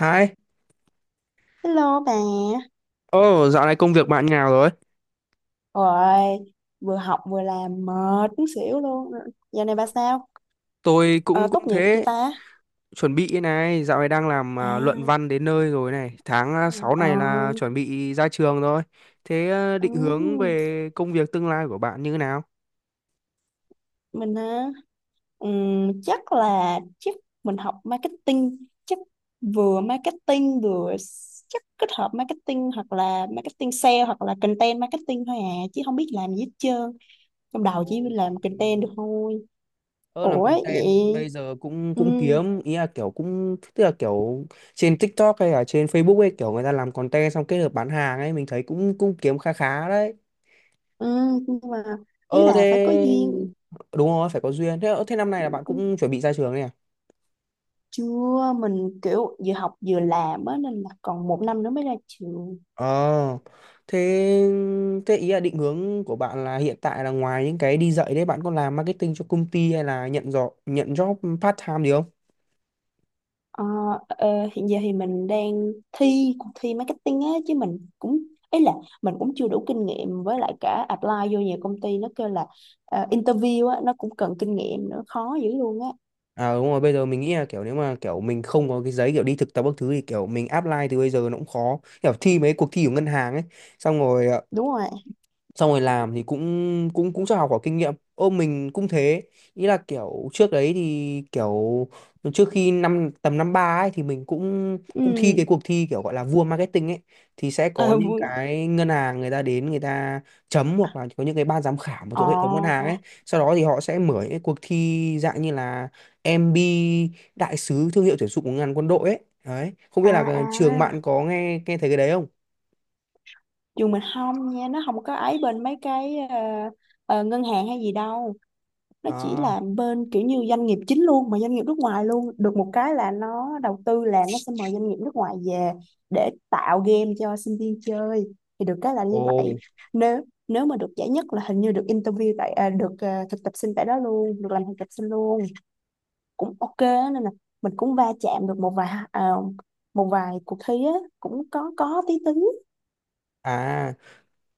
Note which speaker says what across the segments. Speaker 1: Hai,
Speaker 2: Hello bà,
Speaker 1: ồ dạo này công việc bạn như nào rồi?
Speaker 2: rồi vừa học vừa làm mệt muốn xỉu luôn. Giờ này bà sao?
Speaker 1: Tôi
Speaker 2: Ờ,
Speaker 1: cũng
Speaker 2: tốt
Speaker 1: cũng
Speaker 2: nghiệp chưa
Speaker 1: thế,
Speaker 2: ta?
Speaker 1: chuẩn bị này, dạo này đang làm
Speaker 2: À,
Speaker 1: luận văn đến nơi rồi này, tháng sáu
Speaker 2: ờ,
Speaker 1: này là chuẩn bị ra trường rồi. Thế à, định hướng
Speaker 2: ừm,
Speaker 1: về công việc tương lai của bạn như thế nào?
Speaker 2: mình hả? Chắc mình học marketing, chắc vừa marketing vừa s- chắc kết hợp marketing hoặc là marketing sale hoặc là content marketing thôi à, chứ không biết làm gì hết trơn. Trong
Speaker 1: Ồ,
Speaker 2: đầu chỉ làm content được thôi.
Speaker 1: ờ làm
Speaker 2: Ủa vậy?
Speaker 1: content bây giờ cũng cũng
Speaker 2: Ừ,
Speaker 1: kiếm ý là kiểu cũng tức là kiểu trên TikTok hay là trên Facebook ấy, kiểu người ta làm content xong kết hợp bán hàng ấy, mình thấy cũng cũng kiếm khá khá đấy.
Speaker 2: ừ, nhưng mà ý
Speaker 1: Ờ thế
Speaker 2: là phải có duyên.
Speaker 1: đúng rồi, phải có duyên. Thế thế năm nay là bạn
Speaker 2: Cũng
Speaker 1: cũng chuẩn bị ra trường này à?
Speaker 2: chưa, mình kiểu vừa học vừa làm á, nên là còn một năm nữa mới ra trường.
Speaker 1: Ờ. Thế thế ý là định hướng của bạn là hiện tại là ngoài những cái đi dạy đấy, bạn có làm marketing cho công ty hay là nhận job part time gì không?
Speaker 2: Ờ, ờ, hiện giờ thì mình đang thi cuộc thi marketing á, chứ ấy là mình cũng chưa đủ kinh nghiệm, với lại cả apply vô nhiều công ty, nó kêu là interview á, nó cũng cần kinh nghiệm nữa, khó dữ luôn á.
Speaker 1: À đúng rồi, bây giờ mình nghĩ là kiểu nếu mà kiểu mình không có cái giấy kiểu đi thực tập các thứ thì kiểu mình apply từ bây giờ nó cũng khó. Kiểu thi mấy cuộc thi của ngân hàng ấy, xong rồi
Speaker 2: Đúng rồi.
Speaker 1: xong rồi làm thì cũng cũng cũng cho học hỏi kinh nghiệm. Ô mình cũng thế, ý là kiểu trước đấy thì kiểu trước khi năm tầm năm ba ấy thì mình cũng
Speaker 2: Ừ.
Speaker 1: cũng thi cái cuộc thi kiểu gọi là vua marketing ấy, thì sẽ có
Speaker 2: Ờ
Speaker 1: những
Speaker 2: vui.
Speaker 1: cái ngân hàng người ta đến người ta chấm, hoặc là có những cái ban giám khảo mà
Speaker 2: Ờ.
Speaker 1: thuộc hệ thống ngân hàng ấy, sau đó thì họ sẽ mở những cái cuộc thi dạng như là MB đại sứ thương hiệu tuyển dụng của ngân hàng quân đội ấy. Đấy, không biết
Speaker 2: À.
Speaker 1: là
Speaker 2: À,
Speaker 1: cái trường bạn có nghe nghe thấy cái đấy không?
Speaker 2: trường mình không nha, nó không có ấy, bên mấy cái ngân hàng hay gì đâu, nó chỉ
Speaker 1: À,
Speaker 2: là bên kiểu như doanh nghiệp chính luôn, mà doanh nghiệp nước ngoài luôn. Được một cái là nó đầu tư, là nó sẽ mời doanh nghiệp nước ngoài về để tạo game cho sinh viên chơi, thì được cái là
Speaker 1: ồ
Speaker 2: như vậy. Nếu nếu mà được giải nhất là hình như được interview tại, được, thực tập sinh tại đó luôn, được làm thực tập sinh luôn, cũng ok á, nên là mình cũng va chạm được một vài cuộc thi á, cũng có tí tính.
Speaker 1: à,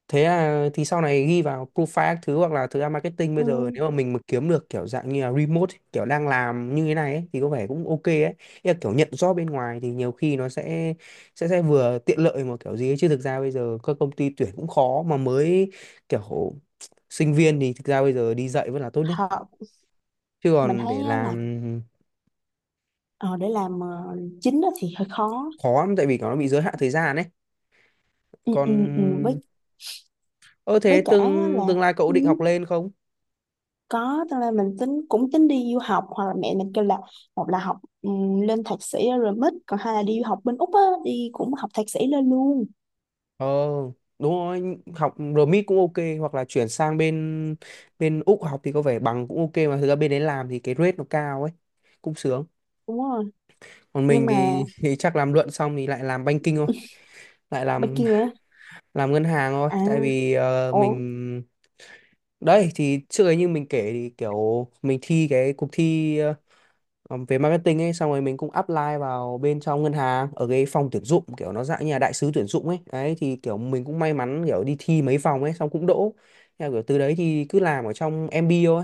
Speaker 1: thế là thì sau này ghi vào profile các thứ, hoặc là thực ra marketing bây giờ
Speaker 2: Ừ,
Speaker 1: nếu mà mình mà kiếm được kiểu dạng như là remote ấy, kiểu đang làm như thế này ấy, thì có vẻ cũng ok ấy. Ý là kiểu nhận job bên ngoài thì nhiều khi nó sẽ sẽ vừa tiện lợi mà kiểu gì ấy. Chứ thực ra bây giờ các công ty tuyển cũng khó, mà mới kiểu sinh viên thì thực ra bây giờ đi dạy vẫn là tốt nhất,
Speaker 2: họ.
Speaker 1: chứ
Speaker 2: Mình
Speaker 1: còn
Speaker 2: thấy
Speaker 1: để
Speaker 2: á
Speaker 1: làm
Speaker 2: là ờ, để làm chính á thì hơi khó.
Speaker 1: khó lắm tại vì nó bị giới hạn thời gian ấy.
Speaker 2: Ừ,
Speaker 1: Còn
Speaker 2: ừ, ừ. với
Speaker 1: ơ
Speaker 2: với
Speaker 1: thế
Speaker 2: cả á
Speaker 1: tương
Speaker 2: là,
Speaker 1: tương lai cậu
Speaker 2: ừ,
Speaker 1: định học lên không?
Speaker 2: có, tức là mình tính, cũng tính đi du học, hoặc là mẹ mình kêu là một là học, lên thạc sĩ ở rồi mít, còn hai là đi du học bên Úc á, đi cũng học thạc sĩ lên luôn.
Speaker 1: Ờ, đúng rồi, học RMIT cũng ok, hoặc là chuyển sang bên bên Úc học thì có vẻ bằng cũng ok, mà thực ra bên đấy làm thì cái rate nó cao ấy, cũng sướng.
Speaker 2: Đúng rồi,
Speaker 1: Còn
Speaker 2: nhưng
Speaker 1: mình
Speaker 2: mà
Speaker 1: thì, thì chắc làm luận xong thì lại làm banking thôi, lại
Speaker 2: bên
Speaker 1: làm
Speaker 2: kia á.
Speaker 1: làm ngân hàng thôi,
Speaker 2: À.
Speaker 1: tại vì
Speaker 2: Ồ.
Speaker 1: mình đấy thì trước ấy như mình kể thì kiểu mình thi cái cuộc thi ờ, về marketing ấy, xong rồi mình cũng apply vào bên trong ngân hàng ở cái phòng tuyển dụng kiểu nó dạng như là đại sứ tuyển dụng ấy. Đấy thì kiểu mình cũng may mắn, kiểu đi thi mấy vòng ấy xong cũng đỗ, theo kiểu từ đấy thì cứ làm ở trong MB thôi.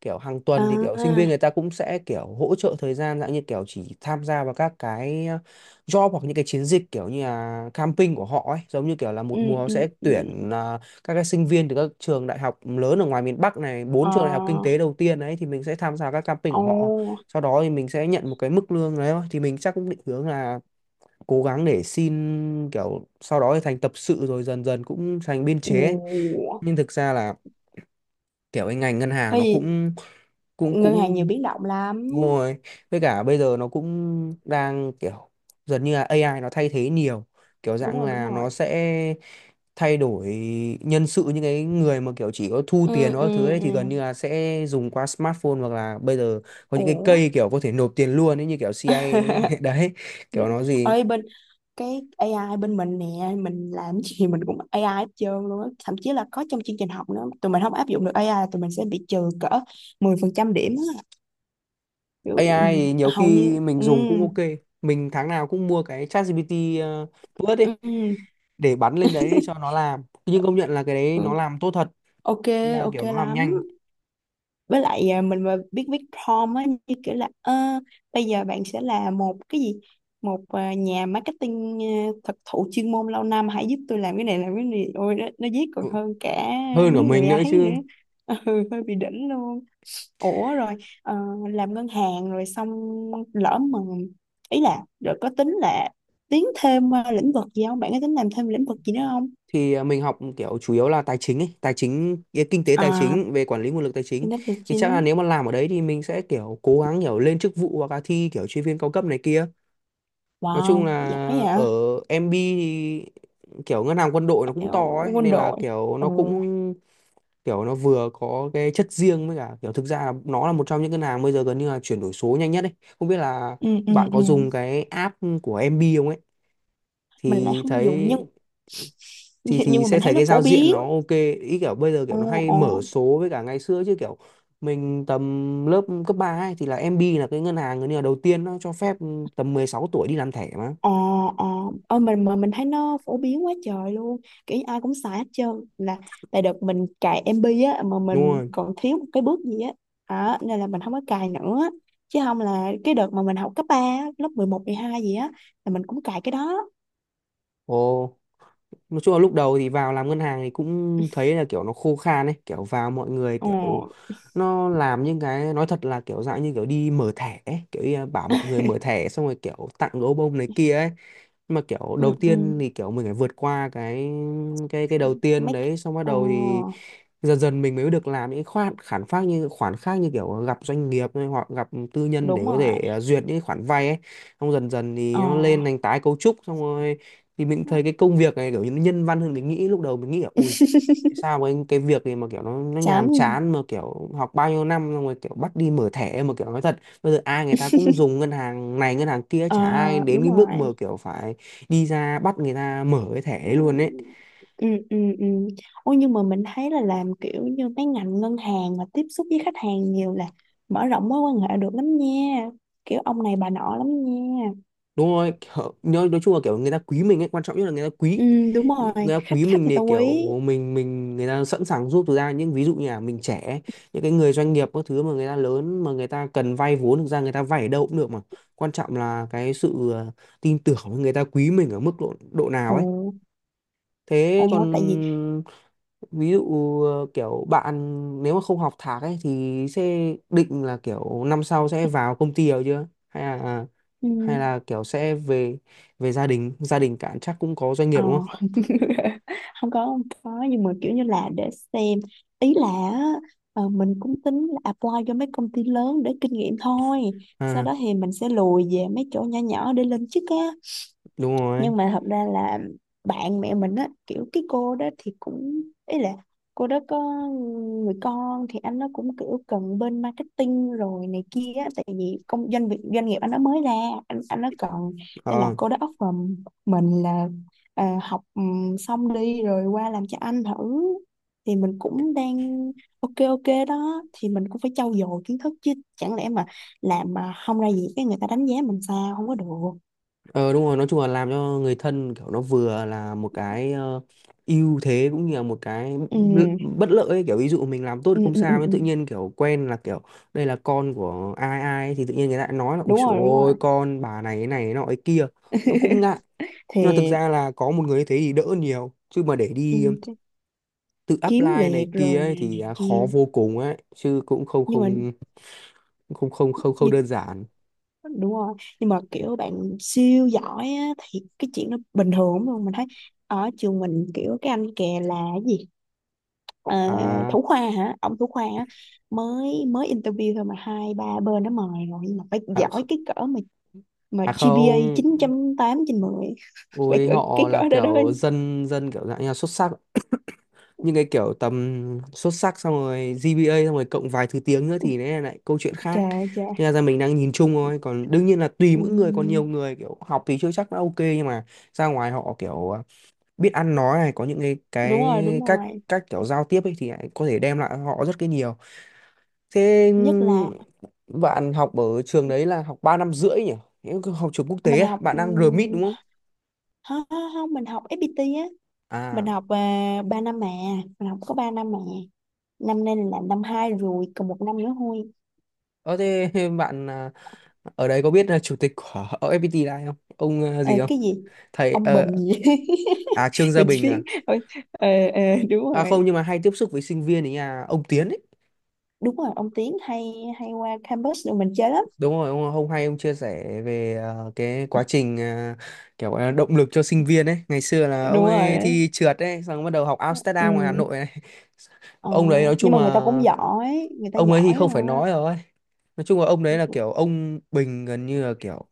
Speaker 1: Kiểu hàng tuần thì kiểu sinh
Speaker 2: À.
Speaker 1: viên người ta cũng sẽ kiểu hỗ trợ thời gian dạng như kiểu chỉ tham gia vào các cái job hoặc những cái chiến dịch kiểu như là camping của họ ấy, giống như kiểu là
Speaker 2: Ừ.
Speaker 1: một mùa
Speaker 2: Ừ.
Speaker 1: sẽ
Speaker 2: Ừ.
Speaker 1: tuyển các cái sinh viên từ các trường đại học lớn ở ngoài miền Bắc này, bốn trường đại học kinh
Speaker 2: Ờ.
Speaker 1: tế đầu tiên ấy thì mình sẽ tham gia các camping của họ,
Speaker 2: Ồ.
Speaker 1: sau đó thì mình sẽ nhận một cái mức lương đấy thôi. Thì mình chắc cũng định hướng là cố gắng để xin kiểu sau đó thì thành tập sự rồi dần dần cũng thành biên chế ấy.
Speaker 2: Ừ.
Speaker 1: Nhưng thực ra là kiểu cái ngành ngân hàng
Speaker 2: Cái
Speaker 1: nó
Speaker 2: gì?
Speaker 1: cũng cũng
Speaker 2: Ngân hàng nhiều
Speaker 1: cũng
Speaker 2: biến động lắm.
Speaker 1: đúng rồi. Với cả bây giờ nó cũng đang kiểu dần như là AI nó thay thế nhiều. Kiểu
Speaker 2: Đúng
Speaker 1: dạng
Speaker 2: rồi, đúng
Speaker 1: là
Speaker 2: rồi.
Speaker 1: nó sẽ thay đổi nhân sự những cái người mà kiểu chỉ có thu tiền
Speaker 2: Ừ. Ừ.
Speaker 1: đó thứ ấy,
Speaker 2: Ừ.
Speaker 1: thì gần như là sẽ dùng qua smartphone, hoặc là bây giờ có những cái
Speaker 2: Ủa.
Speaker 1: cây kiểu có thể nộp tiền luôn ấy, như kiểu CIM ấy. Đấy, kiểu nó gì
Speaker 2: Ơi, bên cái AI bên mình nè, mình làm gì mình cũng AI hết trơn luôn á, thậm chí là có trong chương trình học nữa, tụi mình không áp dụng được AI là tụi mình sẽ bị trừ cỡ 10% điểm á. Kiểu, ừ,
Speaker 1: AI thì nhiều
Speaker 2: hầu như.
Speaker 1: khi mình
Speaker 2: Ừ.
Speaker 1: dùng cũng ok. Mình tháng nào cũng mua cái ChatGPT uh, Plus ấy,
Speaker 2: Ừ.
Speaker 1: để bắn lên đấy cho nó làm. Nhưng công nhận là cái đấy
Speaker 2: Ừ.
Speaker 1: nó làm tốt thật,
Speaker 2: Ok.
Speaker 1: là
Speaker 2: Ok
Speaker 1: kiểu nó làm
Speaker 2: lắm,
Speaker 1: nhanh.
Speaker 2: với lại, mình mà biết viết prompt á, như kiểu là "Ờ, bây giờ bạn sẽ là một cái gì một à, nhà marketing thực thụ, chuyên môn lâu năm, hãy giúp tôi làm cái này làm cái này", ôi nó viết còn
Speaker 1: Ừ,
Speaker 2: hơn cả
Speaker 1: hơn của
Speaker 2: mấy
Speaker 1: mình
Speaker 2: người
Speaker 1: nữa
Speaker 2: ấy nữa.
Speaker 1: chứ.
Speaker 2: Ừ, hơi bị đỉnh luôn. Ủa rồi, ờ, làm ngân hàng rồi xong, lỡ mà, ý là, rồi có tính là tiến thêm lĩnh vực gì không, bạn có tính làm thêm lĩnh vực gì nữa không?
Speaker 1: Thì mình học kiểu chủ yếu là tài chính ấy, tài chính kinh tế tài
Speaker 2: À,
Speaker 1: chính về quản lý nguồn lực tài chính,
Speaker 2: kinh tế tài
Speaker 1: thì chắc là
Speaker 2: chính.
Speaker 1: nếu mà làm ở đấy thì mình sẽ kiểu cố gắng kiểu lên chức vụ hoặc là thi kiểu chuyên viên cao cấp này kia. Nói chung
Speaker 2: Wow, giỏi
Speaker 1: là ở
Speaker 2: vậy.
Speaker 1: MB thì kiểu ngân hàng quân đội nó
Speaker 2: Ờ,
Speaker 1: cũng to ấy,
Speaker 2: quân
Speaker 1: nên là
Speaker 2: đội.
Speaker 1: kiểu
Speaker 2: Ừ.
Speaker 1: nó cũng kiểu nó vừa có cái chất riêng, với cả kiểu thực ra là nó là một trong những ngân hàng bây giờ gần như là chuyển đổi số nhanh nhất ấy. Không biết là
Speaker 2: Ừ. Ừ.
Speaker 1: bạn
Speaker 2: Ừ.
Speaker 1: có dùng cái app của MB không ấy
Speaker 2: Mình lại
Speaker 1: thì
Speaker 2: không dùng,
Speaker 1: thấy,
Speaker 2: nhưng
Speaker 1: thì
Speaker 2: nhưng
Speaker 1: thì
Speaker 2: mà
Speaker 1: sẽ
Speaker 2: mình thấy
Speaker 1: thấy
Speaker 2: nó
Speaker 1: cái
Speaker 2: phổ
Speaker 1: giao diện
Speaker 2: biến.
Speaker 1: nó ok. Ý kiểu bây giờ
Speaker 2: Ồ.
Speaker 1: kiểu nó hay
Speaker 2: Ồ.
Speaker 1: mở số, với cả ngày xưa chứ kiểu mình tầm lớp cấp 3 ấy, thì là MB là cái ngân hàng gần như là đầu tiên nó cho phép tầm 16 tuổi đi làm thẻ mà.
Speaker 2: Ồ. Ồ. Ôi, mình mà mình thấy nó phổ biến quá trời luôn, kiểu như ai cũng xài hết trơn, là là đợt mình cài MB á, mà
Speaker 1: Đúng
Speaker 2: mình
Speaker 1: rồi,
Speaker 2: còn thiếu một cái bước gì á, nên là mình không có cài nữa, chứ không là cái đợt mà mình học cấp 3, lớp 11, 12 gì á, là mình cũng cài cái đó.
Speaker 1: ồ nói chung là lúc đầu thì vào làm ngân hàng thì cũng thấy là kiểu nó khô khan ấy, kiểu vào mọi người
Speaker 2: Ồ.
Speaker 1: kiểu nó làm những cái, nói thật là kiểu dạng như kiểu đi mở thẻ ấy. Kiểu như là bảo mọi người mở thẻ xong rồi kiểu tặng gấu bông này kia ấy. Nhưng mà kiểu
Speaker 2: Ừ.
Speaker 1: đầu
Speaker 2: Ừ.
Speaker 1: tiên thì kiểu mình phải vượt qua cái cái đầu tiên
Speaker 2: Mấy.
Speaker 1: đấy, xong bắt
Speaker 2: Ờ.
Speaker 1: đầu thì dần dần mình mới được làm những khoản khoản khác, như khoản khác như kiểu gặp doanh nghiệp hay hoặc gặp tư nhân để
Speaker 2: Đúng
Speaker 1: có thể
Speaker 2: rồi.
Speaker 1: duyệt những khoản vay ấy, xong dần dần thì
Speaker 2: Ờ.
Speaker 1: nó lên thành tái cấu trúc xong rồi. Thì mình thấy cái công việc này kiểu như nó nhân văn hơn mình nghĩ, lúc đầu mình nghĩ là ui sao mà cái việc này mà kiểu nó
Speaker 2: Chán.
Speaker 1: nhàm chán, mà kiểu học bao nhiêu năm xong rồi kiểu bắt đi mở thẻ. Mà kiểu nói thật bây giờ ai người ta cũng dùng ngân hàng này ngân hàng kia,
Speaker 2: Ờ.
Speaker 1: chả ai đến
Speaker 2: Đúng
Speaker 1: cái mức
Speaker 2: rồi.
Speaker 1: mà kiểu phải đi ra bắt người ta mở cái thẻ
Speaker 2: Ừ.
Speaker 1: ấy luôn ấy.
Speaker 2: Ừ. Ừ. Ừ. Ôi, nhưng mà mình thấy là làm kiểu như mấy ngành ngân hàng mà tiếp xúc với khách hàng nhiều là mở rộng mối quan hệ được lắm nha, kiểu ông này bà nọ lắm nha.
Speaker 1: Đúng rồi kiểu, nói chung là kiểu người ta quý mình ấy, quan trọng nhất là người ta
Speaker 2: Ừ.
Speaker 1: quý,
Speaker 2: Đúng rồi,
Speaker 1: người ta
Speaker 2: khách,
Speaker 1: quý
Speaker 2: khách
Speaker 1: mình
Speaker 2: người
Speaker 1: thì
Speaker 2: ta
Speaker 1: kiểu
Speaker 2: quý.
Speaker 1: mình người ta sẵn sàng giúp ra, những ví dụ như là mình trẻ, những cái người doanh nghiệp các thứ mà người ta lớn mà người ta cần vay vốn, thực ra người ta vay ở đâu cũng được mà, quan trọng là cái sự tin tưởng người ta quý mình ở mức độ độ nào
Speaker 2: Ồ.
Speaker 1: ấy. Thế còn
Speaker 2: Ồ. Tại vì.
Speaker 1: ví dụ kiểu bạn nếu mà không học thạc ấy thì sẽ định là kiểu năm sau sẽ vào công ty rồi chưa, hay là
Speaker 2: Ừ.
Speaker 1: hay là kiểu sẽ về về gia đình cản chắc cũng có doanh nghiệp
Speaker 2: Ờ.
Speaker 1: đúng không?
Speaker 2: Không có, không có, nhưng mà kiểu như là để xem, ý là á, mình cũng tính là apply cho mấy công ty lớn để kinh nghiệm thôi, sau
Speaker 1: À
Speaker 2: đó thì mình sẽ lùi về mấy chỗ nhỏ nhỏ để lên chức á.
Speaker 1: đúng rồi,
Speaker 2: Nhưng mà thật ra là bạn mẹ mình á, kiểu cái cô đó thì cũng, ý là cô đó có người con, thì anh nó cũng kiểu cần bên marketing rồi này kia á, tại vì công doanh, việc doanh nghiệp anh nó mới ra, anh nó cần, nên là
Speaker 1: ờ.
Speaker 2: cô đó offer mình là, học xong đi rồi qua làm cho anh thử, thì mình cũng đang ok, ok đó, thì mình cũng phải trau dồi kiến thức, chứ chẳng lẽ mà làm mà không ra gì, cái người ta đánh giá mình sao không có được.
Speaker 1: Ờ đúng rồi, nói chung là làm cho người thân kiểu nó vừa là một cái ưu thế, cũng như là một cái
Speaker 2: Ừ.
Speaker 1: bất lợi ấy. Kiểu ví dụ mình làm tốt
Speaker 2: Ừ.
Speaker 1: không
Speaker 2: Ừ.
Speaker 1: sao
Speaker 2: Ừ.
Speaker 1: nhưng
Speaker 2: Ừ.
Speaker 1: tự nhiên kiểu quen là kiểu đây là con của ai ai ấy, thì tự nhiên người ta lại nói là ui
Speaker 2: Đúng
Speaker 1: dồi
Speaker 2: rồi, đúng rồi.
Speaker 1: ôi con bà này cái nọ cái kia nó cũng ngại. Nhưng mà thực
Speaker 2: Thì,
Speaker 1: ra là có một người như thế thì đỡ nhiều chứ mà để
Speaker 2: ừ,
Speaker 1: đi
Speaker 2: chắc
Speaker 1: tự
Speaker 2: kiếm
Speaker 1: apply này
Speaker 2: việc
Speaker 1: kia
Speaker 2: rồi
Speaker 1: ấy,
Speaker 2: này,
Speaker 1: thì
Speaker 2: này
Speaker 1: khó
Speaker 2: kia,
Speaker 1: vô cùng ấy chứ cũng không
Speaker 2: nhưng mà
Speaker 1: không không không không không
Speaker 2: như,
Speaker 1: đơn giản.
Speaker 2: đúng rồi, nhưng mà kiểu bạn siêu giỏi á, thì cái chuyện nó bình thường lắm luôn, mình thấy ở trường mình kiểu cái anh kè là cái gì, Ờ,
Speaker 1: à
Speaker 2: thủ khoa hả, ông thủ khoa á, mới mới interview thôi mà hai ba bên nó mời rồi, nhưng mà phải
Speaker 1: à,
Speaker 2: giỏi
Speaker 1: kh-
Speaker 2: cái cỡ mà
Speaker 1: À
Speaker 2: GPA
Speaker 1: không.
Speaker 2: 9 8/10. Phải
Speaker 1: Ôi
Speaker 2: cỡ, cái
Speaker 1: họ là
Speaker 2: cỡ đó đó.
Speaker 1: kiểu dân dân kiểu dạng như là xuất sắc nhưng cái kiểu tầm xuất sắc xong rồi GPA xong rồi cộng vài thứ tiếng nữa thì đấy là lại câu chuyện khác.
Speaker 2: Trời, trời.
Speaker 1: Thế là ra mình đang nhìn chung thôi, còn đương nhiên là tùy
Speaker 2: Ừ,
Speaker 1: mỗi người, còn nhiều người kiểu học thì chưa chắc đã ok nhưng mà ra ngoài họ kiểu biết ăn nói này, có những cái
Speaker 2: đúng
Speaker 1: cái
Speaker 2: rồi, đúng
Speaker 1: cách
Speaker 2: rồi.
Speaker 1: cách kiểu giao tiếp ấy thì lại có thể đem lại họ rất cái nhiều. Thế
Speaker 2: Nhất là
Speaker 1: bạn học ở trường đấy là học 3 năm rưỡi nhỉ? Nếu học trường quốc tế
Speaker 2: mình
Speaker 1: à?
Speaker 2: học
Speaker 1: Bạn đang RMIT đúng không
Speaker 2: không, không không, mình học FPT á, mình
Speaker 1: à?
Speaker 2: học 3 năm mà, mình học có 3 năm mà, năm nay là năm hai rồi, còn một năm nữa thôi.
Speaker 1: Ờ thế bạn ở đấy có biết là chủ tịch của FPT là ai không? Ông
Speaker 2: Ờ,
Speaker 1: gì không?
Speaker 2: cái gì,
Speaker 1: Thầy
Speaker 2: ông Bình gì.
Speaker 1: à, Trương Gia
Speaker 2: Mình
Speaker 1: Bình
Speaker 2: chỉ
Speaker 1: à?
Speaker 2: biết. Ờ. Ờ. Ờ. Đúng
Speaker 1: À
Speaker 2: rồi.
Speaker 1: không, nhưng mà hay tiếp xúc với sinh viên ấy à, ông Tiến ấy.
Speaker 2: Đúng rồi, ông Tiến hay hay qua campus rồi mình chơi lắm.
Speaker 1: Đúng rồi, ông hay ông chia sẻ về cái quá trình kiểu động lực cho sinh viên ấy. Ngày xưa là ông
Speaker 2: Đúng
Speaker 1: ấy
Speaker 2: rồi.
Speaker 1: thi trượt ấy, xong bắt đầu học Amsterdam ngoài Hà
Speaker 2: Ừ.
Speaker 1: Nội này.
Speaker 2: ờ,
Speaker 1: Ông đấy nói
Speaker 2: nhưng
Speaker 1: chung
Speaker 2: mà người ta cũng
Speaker 1: là,
Speaker 2: giỏi, người ta
Speaker 1: ông ấy thì
Speaker 2: giỏi
Speaker 1: không
Speaker 2: à.
Speaker 1: phải nói rồi. Nói chung là ông đấy là
Speaker 2: Ừ.
Speaker 1: kiểu, ông Bình gần như là kiểu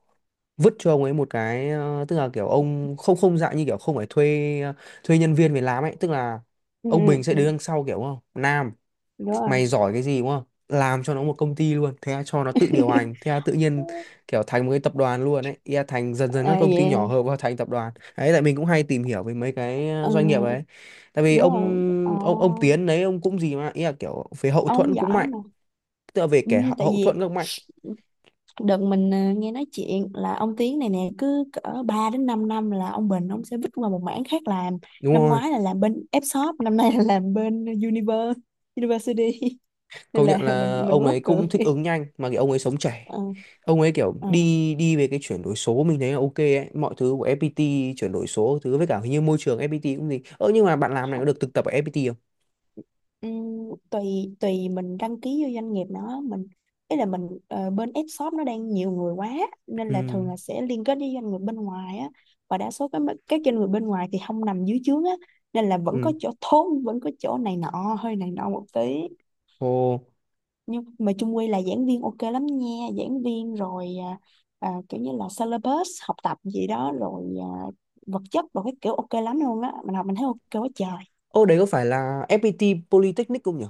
Speaker 1: vứt cho ông ấy một cái tức là kiểu ông không không dạng như kiểu không phải thuê thuê nhân viên về làm ấy, tức là
Speaker 2: Ừ.
Speaker 1: ông Bình sẽ
Speaker 2: Ừ.
Speaker 1: đứng đằng sau kiểu, không Nam
Speaker 2: Đúng rồi.
Speaker 1: mày giỏi cái gì đúng không, làm cho nó một công ty luôn, thế là cho nó tự điều hành, thế là tự nhiên kiểu thành một cái tập đoàn luôn ấy. Ý là thành dần dần các
Speaker 2: À,
Speaker 1: công ty nhỏ
Speaker 2: yeah.
Speaker 1: hợp vào thành tập đoàn đấy, tại mình cũng hay tìm hiểu về mấy cái doanh nghiệp
Speaker 2: Ừ,
Speaker 1: ấy. Tại vì
Speaker 2: đúng rồi.
Speaker 1: ông ông Tiến đấy, ông cũng gì mà ý là kiểu về hậu
Speaker 2: Ờ, ông
Speaker 1: thuẫn cũng
Speaker 2: giỏi
Speaker 1: mạnh,
Speaker 2: mà.
Speaker 1: tức là về
Speaker 2: Ừ,
Speaker 1: kẻ
Speaker 2: tại
Speaker 1: hậu
Speaker 2: vì
Speaker 1: thuẫn cũng mạnh.
Speaker 2: đợt mình nghe nói chuyện là ông Tiến này nè, cứ cỡ 3 đến 5 năm là ông Bình ông sẽ vứt qua một mảng khác làm.
Speaker 1: Đúng
Speaker 2: Năm
Speaker 1: rồi,
Speaker 2: ngoái là làm bên F-shop, năm nay là làm bên University. Nên
Speaker 1: công
Speaker 2: là
Speaker 1: nhận
Speaker 2: mình
Speaker 1: là
Speaker 2: mình mới
Speaker 1: ông
Speaker 2: mắc
Speaker 1: ấy cũng
Speaker 2: cười.
Speaker 1: thích ứng nhanh mà, cái ông ấy sống trẻ.
Speaker 2: Ờ.
Speaker 1: Ông ấy kiểu
Speaker 2: Ờ.
Speaker 1: đi đi về cái chuyển đổi số, mình thấy là ok ấy, mọi thứ của FPT chuyển đổi số thứ, với cả hình như môi trường FPT cũng gì ơ. Nhưng mà bạn làm này có được thực tập ở FPT không?
Speaker 2: Tùy, tùy mình đăng ký vô doanh nghiệp nó, mình ý là mình, bên F shop nó đang nhiều người quá, nên là
Speaker 1: Ừ.
Speaker 2: thường là sẽ liên kết với doanh nghiệp bên ngoài á, và đa số các doanh nghiệp bên ngoài thì không nằm dưới trướng á, nên là vẫn có
Speaker 1: Ừ.
Speaker 2: chỗ thốn, vẫn có chỗ này nọ, hơi này nọ một tí.
Speaker 1: Ồ.
Speaker 2: Nhưng mà chung quy là giảng viên ok lắm nha, giảng viên rồi, kiểu như là syllabus học tập gì đó, rồi vật chất rồi cái kiểu ok lắm luôn á, mình học mình thấy ok quá trời.
Speaker 1: Ô, đấy có phải là FPT Polytechnic không nhỉ?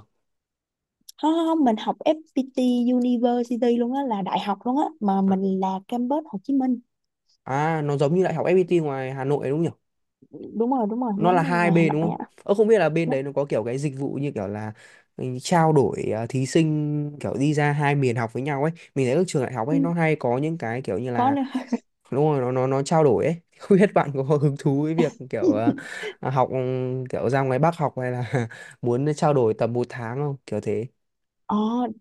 Speaker 2: Không không không, mình học FPT University luôn á, là đại học luôn á, mà
Speaker 1: à,
Speaker 2: mình là campus Hồ Chí Minh.
Speaker 1: nó giống như đại học FPT ngoài Hà Nội ấy đúng nhỉ?
Speaker 2: Đúng rồi, đúng rồi,
Speaker 1: Nó là
Speaker 2: giống
Speaker 1: hai
Speaker 2: ngày Hà
Speaker 1: bên đúng
Speaker 2: Nội
Speaker 1: không?
Speaker 2: á.
Speaker 1: Ơ, không biết là bên
Speaker 2: Nó.
Speaker 1: đấy nó có kiểu cái dịch vụ như kiểu là trao đổi thí sinh kiểu đi ra hai miền học với nhau ấy. Mình thấy các trường đại học
Speaker 2: Ừ,
Speaker 1: ấy nó hay có những cái kiểu như
Speaker 2: có
Speaker 1: là,
Speaker 2: nữa.
Speaker 1: đúng rồi, nó nó trao đổi ấy. Không biết bạn có hứng thú với việc kiểu học kiểu ra ngoài Bắc học hay là muốn trao đổi tầm một tháng không? Kiểu thế.
Speaker 2: Ờ,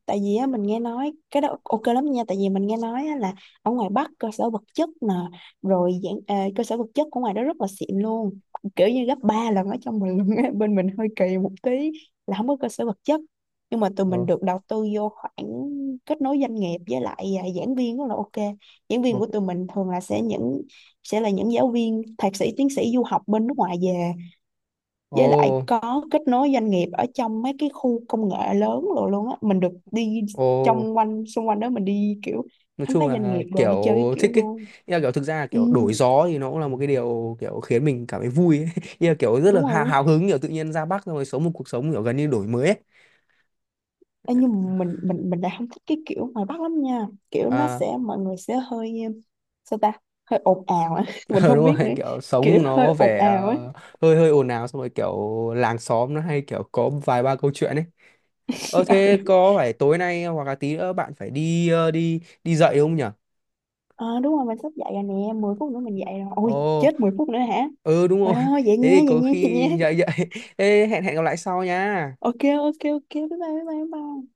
Speaker 2: tại vì á, mình nghe nói cái đó ok lắm nha, tại vì mình nghe nói á, là ở ngoài Bắc cơ sở vật chất nè, rồi dạng, cơ sở vật chất của ngoài đó rất là xịn luôn, kiểu như gấp 3 lần ở trong mình luôn á. Bên mình hơi kỳ một tí, là không có cơ sở vật chất, nhưng mà tụi mình
Speaker 1: Ồ,
Speaker 2: được đầu tư vô khoảng kết nối doanh nghiệp, với lại giảng viên rất là ok. Giảng viên
Speaker 1: ồ,
Speaker 2: của tụi mình thường là sẽ là những giáo viên thạc sĩ, tiến sĩ du học bên nước ngoài về, với lại
Speaker 1: ồ,
Speaker 2: có kết nối doanh nghiệp ở trong mấy cái khu công nghệ lớn, rồi luôn á, mình được đi
Speaker 1: ồ.
Speaker 2: trong quanh, xung quanh đó, mình đi kiểu
Speaker 1: Nói
Speaker 2: khám
Speaker 1: chung
Speaker 2: phá doanh
Speaker 1: là
Speaker 2: nghiệp rồi đi
Speaker 1: kiểu
Speaker 2: chơi cái kiểu
Speaker 1: thích ấy.
Speaker 2: luôn.
Speaker 1: Ý là kiểu thực ra là
Speaker 2: Ừ,
Speaker 1: kiểu đổi gió thì nó cũng là một cái điều kiểu khiến mình cảm thấy vui ấy. Ý là kiểu rất là
Speaker 2: đúng rồi,
Speaker 1: hào,
Speaker 2: đúng.
Speaker 1: hào hứng, kiểu tự nhiên ra Bắc xong rồi sống một cuộc sống kiểu gần như đổi mới ấy.
Speaker 2: Ê, nhưng mà mình lại không thích cái kiểu ngoài Bắc lắm nha, kiểu nó
Speaker 1: À,
Speaker 2: sẽ, mọi người sẽ hơi sao ta, hơi ồn ào á. Mình
Speaker 1: ờ,
Speaker 2: không
Speaker 1: đúng
Speaker 2: biết
Speaker 1: rồi,
Speaker 2: nữa,
Speaker 1: kiểu sống
Speaker 2: kiểu
Speaker 1: nó
Speaker 2: hơi ồn
Speaker 1: vẻ
Speaker 2: ào á.
Speaker 1: hơi hơi ồn ào, xong rồi kiểu làng xóm nó hay kiểu có vài ba câu chuyện ấy. Ờ thế có phải tối nay hoặc là tí nữa bạn phải đi đi đi dạy không nhỉ?
Speaker 2: Ừ, đúng. Ờ, đúng rồi, mình sắp dậy rồi nè, 10 phút nữa mình dậy rồi,
Speaker 1: Ồ.
Speaker 2: ôi chết, 10 phút nữa hả.
Speaker 1: Ừ, đúng rồi.
Speaker 2: Ôi thôi vậy
Speaker 1: Thế
Speaker 2: nha,
Speaker 1: thì
Speaker 2: vậy
Speaker 1: có
Speaker 2: nha, vậy nha.
Speaker 1: khi dậy dậy thế hẹn hẹn gặp lại sau nha.
Speaker 2: Ok. Ok, ok, bye bye, bye bye bye.